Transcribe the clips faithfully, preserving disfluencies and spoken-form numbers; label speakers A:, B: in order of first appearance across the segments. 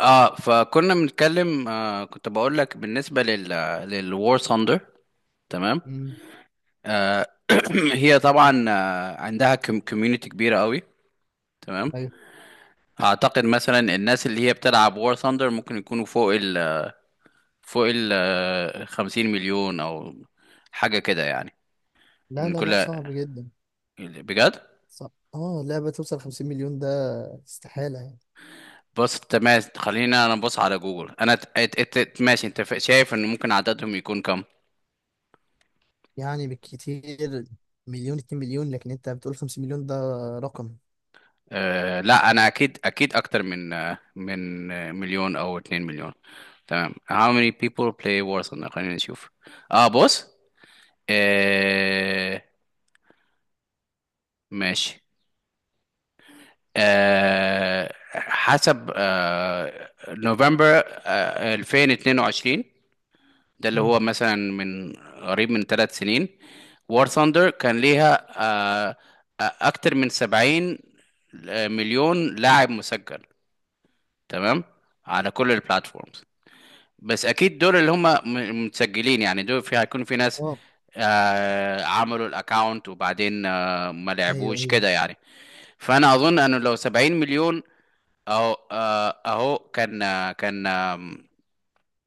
A: اه فكنا بنتكلم آه كنت بقول لك بالنسبه لل للوار ثاندر. تمام.
B: مم.
A: آه هي طبعا آه عندها كوميونتي كبيره قوي. تمام.
B: ايوه.
A: اعتقد مثلا الناس اللي هي بتلعب وار ثاندر ممكن يكونوا فوق ال فوق ال آه، خمسين مليون او حاجه كده يعني.
B: لا
A: من
B: لا
A: كل،
B: لا، صعب جدا.
A: بجد.
B: صعب. اه، لعبة توصل خمسين مليون ده استحالة يعني
A: بص، تمام، خلينا انا ابص على جوجل. انا ت- ات- ات- ات- ماشي، انت ف- شايف ان ممكن عددهم يكون كم؟
B: يعني بالكتير مليون، اتنين مليون، لكن انت بتقول خمسين مليون ده رقم.
A: أه لا، انا اكيد اكيد اكتر من آه، من آه، مليون او اتنين مليون. تمام، how many people play Warzone، خلينا نشوف. اه، بص. أه ماشي. أه حسب أه نوفمبر أه ألفين واتنين وعشرين، ده اللي
B: مم.
A: هو مثلا من قريب من ثلاث سنين، War Thunder كان ليها أه آه، اكتر من سبعين مليون لاعب مسجل. تمام، على كل البلاتفورمز. بس اكيد دول اللي هم م- متسجلين، يعني دول في هيكون في ناس
B: اه
A: آه عملوا الاكاونت وبعدين آه ما
B: ايوه
A: لعبوش
B: ايوه،
A: كده يعني. فانا اظن انه لو سبعين مليون اهو آه، اهو كان آه، كان آه،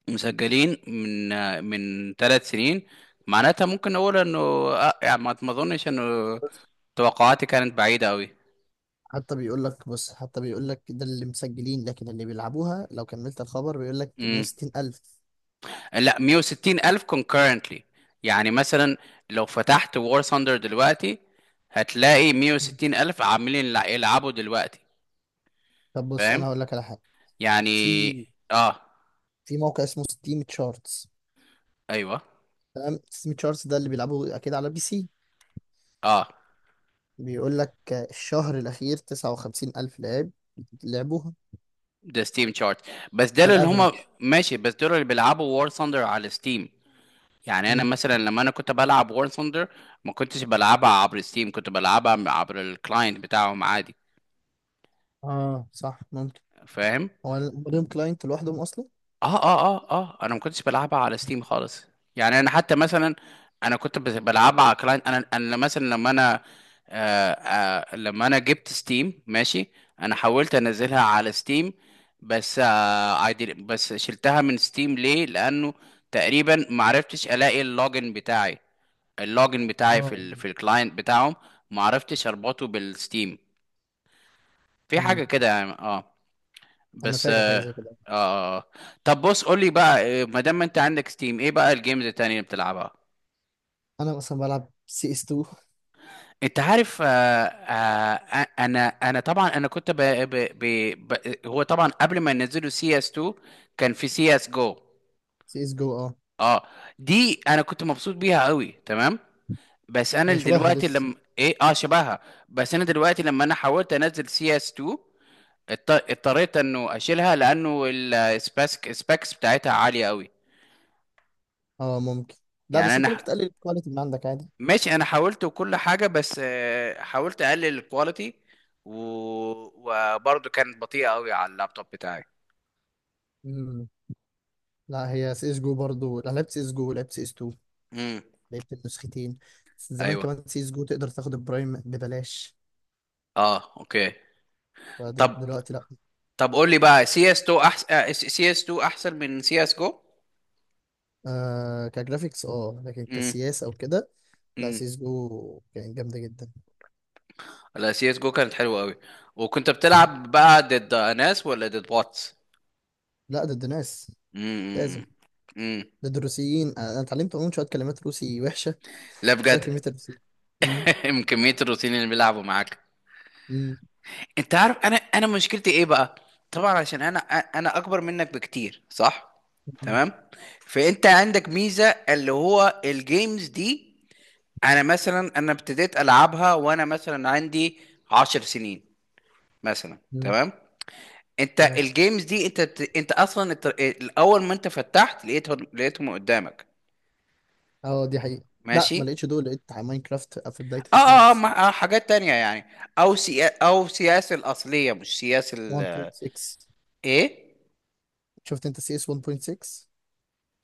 A: مسجلين من آه، من ثلاث سنين، معناتها ممكن نقول انه، آه يعني، ما ما اظنش انه
B: بس
A: توقعاتي كانت بعيدة
B: حتى بيقول لك بص، حتى بيقول لك ده اللي مسجلين، لكن اللي بيلعبوها لو كملت الخبر بيقول لك
A: قوي.
B: مية وستين ألف.
A: لا، مئة وستين ألف concurrently، يعني مثلا لو فتحت War Thunder دلوقتي هتلاقي
B: مم.
A: مئة وستين ألف عاملين يلع- يلعبوا دلوقتي،
B: طب بص، انا
A: فاهم
B: هقول لك على حاجة.
A: يعني.
B: في
A: اه،
B: في موقع اسمه ستيم تشارتس.
A: ايوه.
B: تمام، ستيم تشارتس ده اللي بيلعبوا اكيد على بي سي.
A: اه،
B: بيقول لك الشهر الأخير تسعة وخمسين الف ألف لاعب لعبوها.
A: ده ستيم شارت. بس
B: ده
A: دول اللي
B: الأفريج.
A: هما، ماشي، بس دول اللي بيلعبوا War Thunder على ستيم. يعني انا
B: مم.
A: مثلا لما انا كنت بلعب War Thunder ما كنتش بلعبها عبر ستيم، كنت بلعبها عبر الكلاينت بتاعهم عادي،
B: اه صح ممكن.
A: فاهم.
B: هو ال- ليهم كلاينت لوحدهم أصلا.
A: اه، اه، اه، اه، انا ما كنتش بلعبها على ستيم خالص. يعني انا حتى مثلا انا كنت بز- بلعبها على كلاينت. انا انا مثلا لما انا، آه آه لما انا جبت ستيم، ماشي، انا حاولت انزلها على ستيم، بس آه I didn't- بس شلتها من ستيم ليه؟ لانه تقريبا ما عرفتش الاقي اللوجن بتاعي، اللوجن بتاعي في
B: اه.
A: ال في الكلاينت بتاعهم، ما عرفتش اربطه بالستيم. في
B: مم.
A: حاجه كده يعني. اه
B: أنا
A: بس
B: فاكر حاجة
A: آه,
B: زي كده.
A: آه طب، بص، قول لي بقى، آه، ما دام انت عندك ستيم، ايه بقى الجيمز التانية اللي بتلعبها؟
B: أنا مثلا بلعب سي اس تو.
A: انت عارف، آه آه آه، انا انا طبعا، انا كنت ب ب ب ب هو طبعا قبل ما ينزلوا سي اس اتنين كان في سي اس جو.
B: سي اس جو، اه.
A: اه، دي انا كنت مبسوط بيها قوي. تمام. بس انا
B: هي شبهها
A: دلوقتي
B: لسه.
A: لما ايه، اه، شبهها. بس انا دلوقتي لما انا حاولت انزل سي اس تو اضطريت انه اشيلها، لانه السبيكس سبيكس بتاعتها عالية قوي.
B: اه ممكن. لا
A: يعني
B: بس أنت ممكن
A: انا،
B: تقلل الكواليتي من عندك عادي.
A: ماشي، انا حاولت وكل حاجه، بس، آه، حاولت اقلل الكواليتي و... وبرضه كانت بطيئه قوي على اللابتوب بتاعي.
B: مم. لا، هي سي اس جو برضه. أنا لعبت سي اس جو ولعبت سي اس اتنين.
A: امم.
B: لعبت النسختين. بس زمان
A: ايوه.
B: كمان سي اس جو تقدر تاخد البرايم ببلاش،
A: اه، اوكي. طب
B: فدلوقتي لا.
A: طب قول لي بقى، سي اس تو احسن، سي اس تو احسن من سي اس جو؟
B: آه، كجرافيكس اه، لكن
A: امم،
B: كسياسة او كده لا،
A: امم.
B: سيس جو كانت جامدة جدا.
A: لا، سي اس جو كانت حلوه قوي. وكنت بتلعب بقى ضد ناس ولا ضد بوتس؟
B: لا، ضد ناس.
A: امم،
B: لازم.
A: امم. أمم.
B: ضد الروسيين. آه، انا اتعلمت عموما شوية كلمات روسي وحشة
A: لا،
B: بسبب كمية
A: بجد.
B: الروسيين. مم،
A: من كميه الروتين اللي بيلعبوا معاك.
B: مم،
A: انت عارف انا، انا مشكلتي ايه بقى؟ طبعا عشان انا انا اكبر منك بكتير، صح؟
B: مم،
A: تمام. فانت عندك ميزة اللي هو الجيمز دي، انا مثلا انا ابتديت العبها وانا مثلا عندي عشر سنين مثلا،
B: مم،
A: تمام؟ انت
B: تمام.
A: الجيمز دي انت بت- انت اصلا، الت- الاول ما انت فتحت لقيتهم لقيتهم قدامك.
B: اه دي حقيقة. لا،
A: ماشي.
B: ما لقيتش دول. لقيت على ماينكرافت في
A: اه،
B: بدايتي
A: اه، اه،
B: خالص.
A: ما- آه، حاجات تانية يعني. او سيا، او سياسة الاصلية، مش سياسة ال،
B: واحد نقطة ستة؟
A: ايه،
B: شفت انت سي اس واحد نقطة ستة؟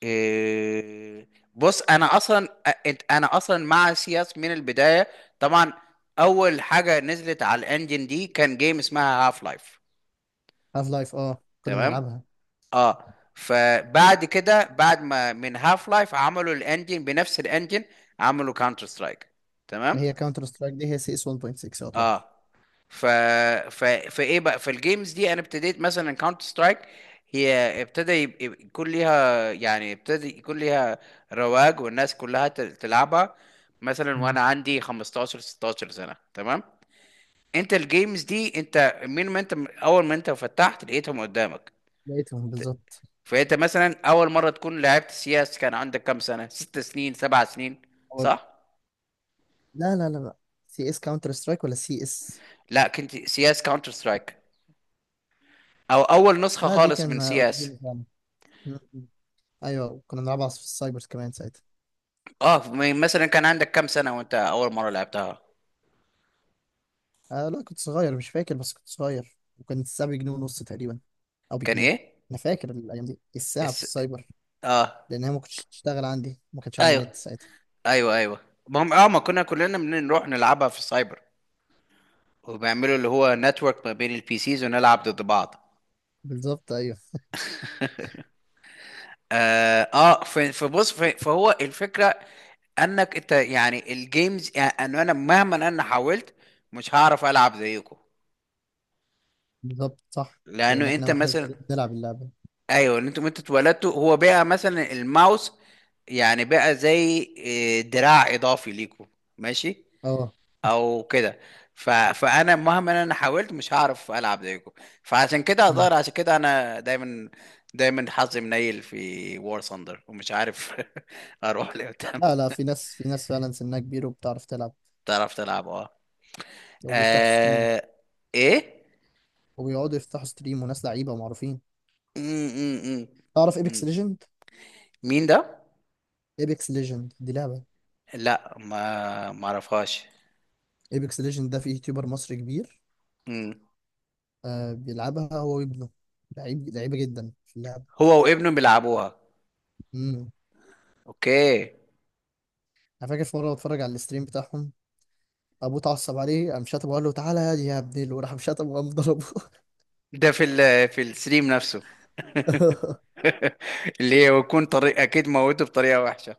A: إيه، بص انا اصلا أ- أنت- انا اصلا مع سياس من البدايه، طبعا. اول حاجه نزلت على الانجن دي كان جيم اسمها هاف لايف،
B: هاف لايف، اه، كنا
A: تمام.
B: بنلعبها.
A: اه، فبعد كده بعد ما من هاف لايف عملوا الانجن، بنفس الانجن عملوا كاونتر سترايك، تمام.
B: هي كاونتر سترايك دي هي سي اس واحد نقطة ستة
A: اه
B: يعتبر.
A: ف... ف... فايه بقى، فالجيمز دي انا ابتديت مثلا كاونتر سترايك، هي ابتدى يب- يب- يكون ليها يعني ابتدى يكون ليها رواج، والناس كلها تل- تلعبها، مثلا
B: مم.
A: وانا عندي خمستاشر ستة عشر سنة، تمام. انت الجيمز دي انت، من ما انت اول ما انت فتحت لقيتهم قدامك.
B: لقيتهم بالظبط.
A: فانت مثلا اول مرة تكون لعبت سياس كان عندك كام سنة؟ ست سنين، سبع سنين، صح؟
B: لا لا لا لا، سي اس كاونتر سترايك ولا سي اس؟
A: لا، كنت سياس كاونتر سترايك، او اول نسخة
B: لا، دي
A: خالص
B: كان
A: من
B: آه،
A: سياس.
B: قديمة فعلا. م- م. ايوه كنا بنلعبها في السايبرز كمان ساعتها.
A: اه م- مثلا كان عندك كام سنة وانت اول مرة لعبتها؟
B: آه لا، كنت صغير مش فاكر، بس كنت صغير وكانت الساعة بجنيه ونص تقريبا، او
A: كان
B: بجنيه.
A: ايه
B: انا فاكر الايام دي الساعة في
A: الس...
B: السايبر،
A: اه،
B: لان هي ما كنتش تشتغل عندي، ما كانش عندي
A: ايوه،
B: نت ساعتها.
A: ايوه، ايوه. ما هم، اه، ما كنا كلنا بنروح نلعبها في السايبر، وبيعملوا اللي هو نتورك ما بين البي سيز ونلعب ضد بعض.
B: بالظبط، ايوه.
A: اه, آه ف- فبص ف- فهو الفكرة انك انت يعني الجيمز، يعني انا مهما انا حاولت مش هعرف العب زيكم.
B: بالظبط صح. لان
A: لانه
B: احنا
A: انت
B: واحنا
A: مثلا،
B: صغيرين بنلعب اللعبة.
A: ايوه، ان انتوا انتوا اتولدتوا، هو بقى مثلا الماوس يعني بقى زي، إيه، دراع اضافي ليكوا، ماشي،
B: اه.
A: او كده. ف... فانا مهما انا حاولت مش هعرف العب زيكم. فعشان كده
B: م.
A: هضطر عشان كده انا دايما دايما حظي منيل في وور ثاندر، ومش عارف اروح لقدام.
B: لا لا، في ناس، في ناس فعلا سنها كبير وبتعرف تلعب
A: تعرف تلعب، اه،
B: وبيفتحوا ستريم.
A: آه، ايه.
B: وبيقعدوا يفتحوا ستريم وناس لعيبة ومعروفين.
A: م -م -م.
B: تعرف ايبكس
A: م.
B: ليجند؟
A: مين ده؟
B: ايبكس ليجند دي لعبة.
A: لا، ما ما اعرفهاش.
B: ايبكس ليجند ده في يوتيوبر مصري كبير،
A: مم.
B: آه بيلعبها هو وابنه. لعيب لعيبة جدا في اللعبة.
A: هو وابنه بيلعبوها؟
B: امم.
A: اوكي.
B: انا فاكر في مرة بتفرج على الستريم بتاعهم، ابوه اتعصب عليه، قام شاتم وقال له تعالى يا دي يا ابني، وراح مشاتم وقام ضربه.
A: ده في ال في الستريم نفسه؟ اللي هي يكون طريق اكيد موته بطريقه وحشه.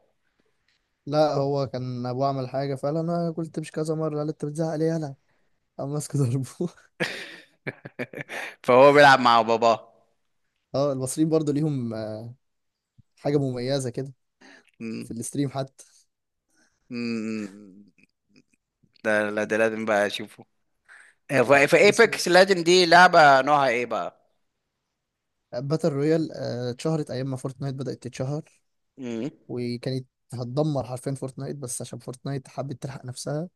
B: لا، هو كان ابوه عمل حاجة فقال انا قلت مش كذا مرة، قال انت بتزعق ليه يالا، قام ماسك ضربه.
A: فهو بيلعب مع باباه.
B: اه، المصريين برضو ليهم آه، حاجة مميزة كده
A: مم.
B: في الستريم حتى.
A: مم. ده لا، ده لازم بقى اشوفه. في
B: اسمه
A: ايبكس ليجند دي، لعبه نوعها ايه بقى؟
B: باتل رويال. آه، اتشهرت ايام ما فورتنايت بدأت تتشهر،
A: مم.
B: وكانت هتدمر حرفيا فورتنايت، بس عشان فورتنايت حبت تلحق نفسها،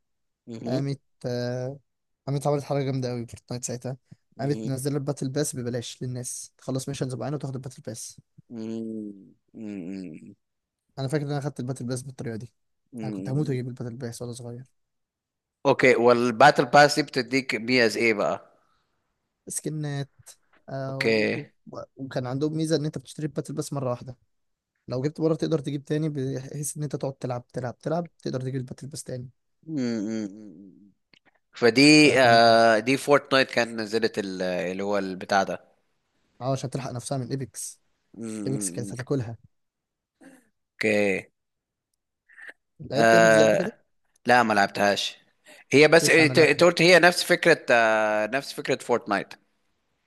A: مم.
B: قامت آه، قامت عملت حاجة جامدة أوي فورتنايت ساعتها. قامت
A: مم.
B: منزلة الباتل باس ببلاش للناس تخلص ميشنز معينة وتاخد الباتل باس.
A: مم. مم.
B: أنا فاكر إن أنا خدت الباتل باس بالطريقة دي. أنا كنت هموت
A: مم.
B: وأجيب الباتل باس وأنا صغير.
A: اوكي. والباتل باس دي بتديك بي از ايه بقى؟
B: سكنات. آه.
A: اوكي.
B: و- و- وكان عندهم ميزة إن أنت بتشتري الباتل باس مرة واحدة، لو جبت مرة تقدر تجيب تاني، بحيث إن أنت تقعد تلعب تلعب تلعب، تقدر تجيب الباتل باس تاني.
A: مم. فدي
B: فكان
A: آه دي فورتنايت كانت نزلت ال- اللي هو البتاع ده.
B: اه عشان تلحق نفسها من إيبكس. إيبكس
A: مم.
B: كانت هتاكلها.
A: اوكي.
B: لعبت ايبكس دي قبل كده؟
A: آه لا، ما لعبتهاش. هي بس،
B: سيرش
A: إيه،
B: عنها،
A: ت-
B: لعب
A: انت
B: حلو.
A: قلت هي نفس فكرة، آه نفس فكرة فورتنايت.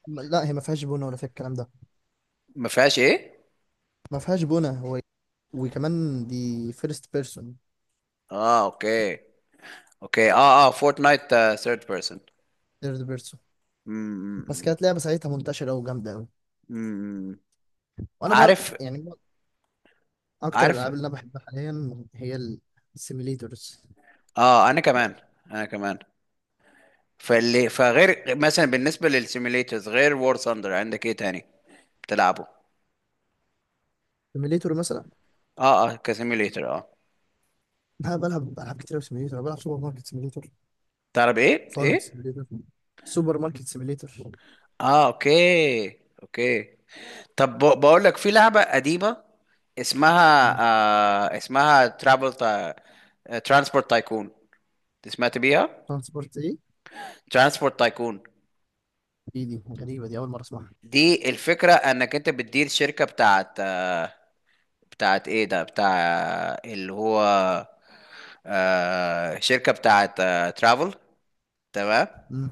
B: م- لا، هي ما فيهاش بونه ولا فيها الكلام ده.
A: ما فيهاش ايه؟
B: ما فيهاش بونه هو. وكمان دي فيرست بيرسون.
A: اه، اوكي، اوكي. اه، اه، فورتنايت ثيرد بيرسون.
B: ثيرد بيرسون؟ بس كانت لعبه ساعتها منتشره قوي وجامده قوي. وانا بقى
A: عارف.
B: يعني اكتر
A: عارف.
B: الالعاب اللي انا بحبها حاليا هي السيميليتورز.
A: اه، انا كمان، انا كمان. فاللي فغير مثلا، بالنسبة للسيميليترز، غير وور ثاندر عندك ايه تاني بتلعبه؟
B: سيميليتور مثلا،
A: اه، اه، كسيميليتر، اه.
B: انا بلعب العاب كتير أوي سيميليتور. أنا بلعب سوبر ماركت سيميليتور،
A: تعرف ايه؟
B: فارم
A: ايه؟
B: سيميليتور، سوبر ماركت سيميليتور.
A: اه، اوكي، اوكي. طب، ب- بقول لك في لعبة قديمة اسمها آه اسمها ترابل تا... ترانسبورت تايكون، سمعت بيها؟
B: ترانسبورت ايه؟
A: ترانسبورت تايكون.
B: دي دي غريبه، دي اول مره اسمعها.
A: دي الفكرة انك انت بتدير شركة بتاعت، آه بتاعت ايه ده، بتاع اللي هو، آه شركة بتاعت، آه ترافل، تمام.
B: مم.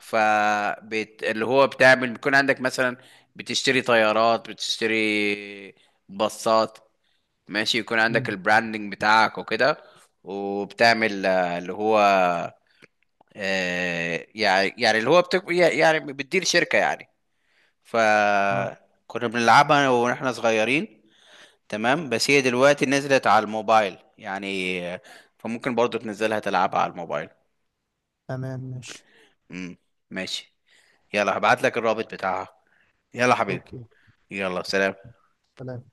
A: ف بت... اللي هو بتعمل، بيكون عندك مثلا بتشتري طيارات، بتشتري باصات، ماشي، يكون عندك
B: مم.
A: البراندنج بتاعك وكده. وبتعمل، آه، اللي هو، آه، يعني يعني اللي هو بتك... يعني بتدير شركة يعني.
B: اه
A: فكنا بنلعبها واحنا صغيرين، تمام. بس هي دلوقتي نزلت على الموبايل يعني، آه، فممكن برضو تنزلها تلعبها على الموبايل.
B: تمام ماشي.
A: امم. ماشي. يلا هبعت لك الرابط بتاعها. يلا حبيبي.
B: اوكي.
A: يلا، سلام.
B: سلام.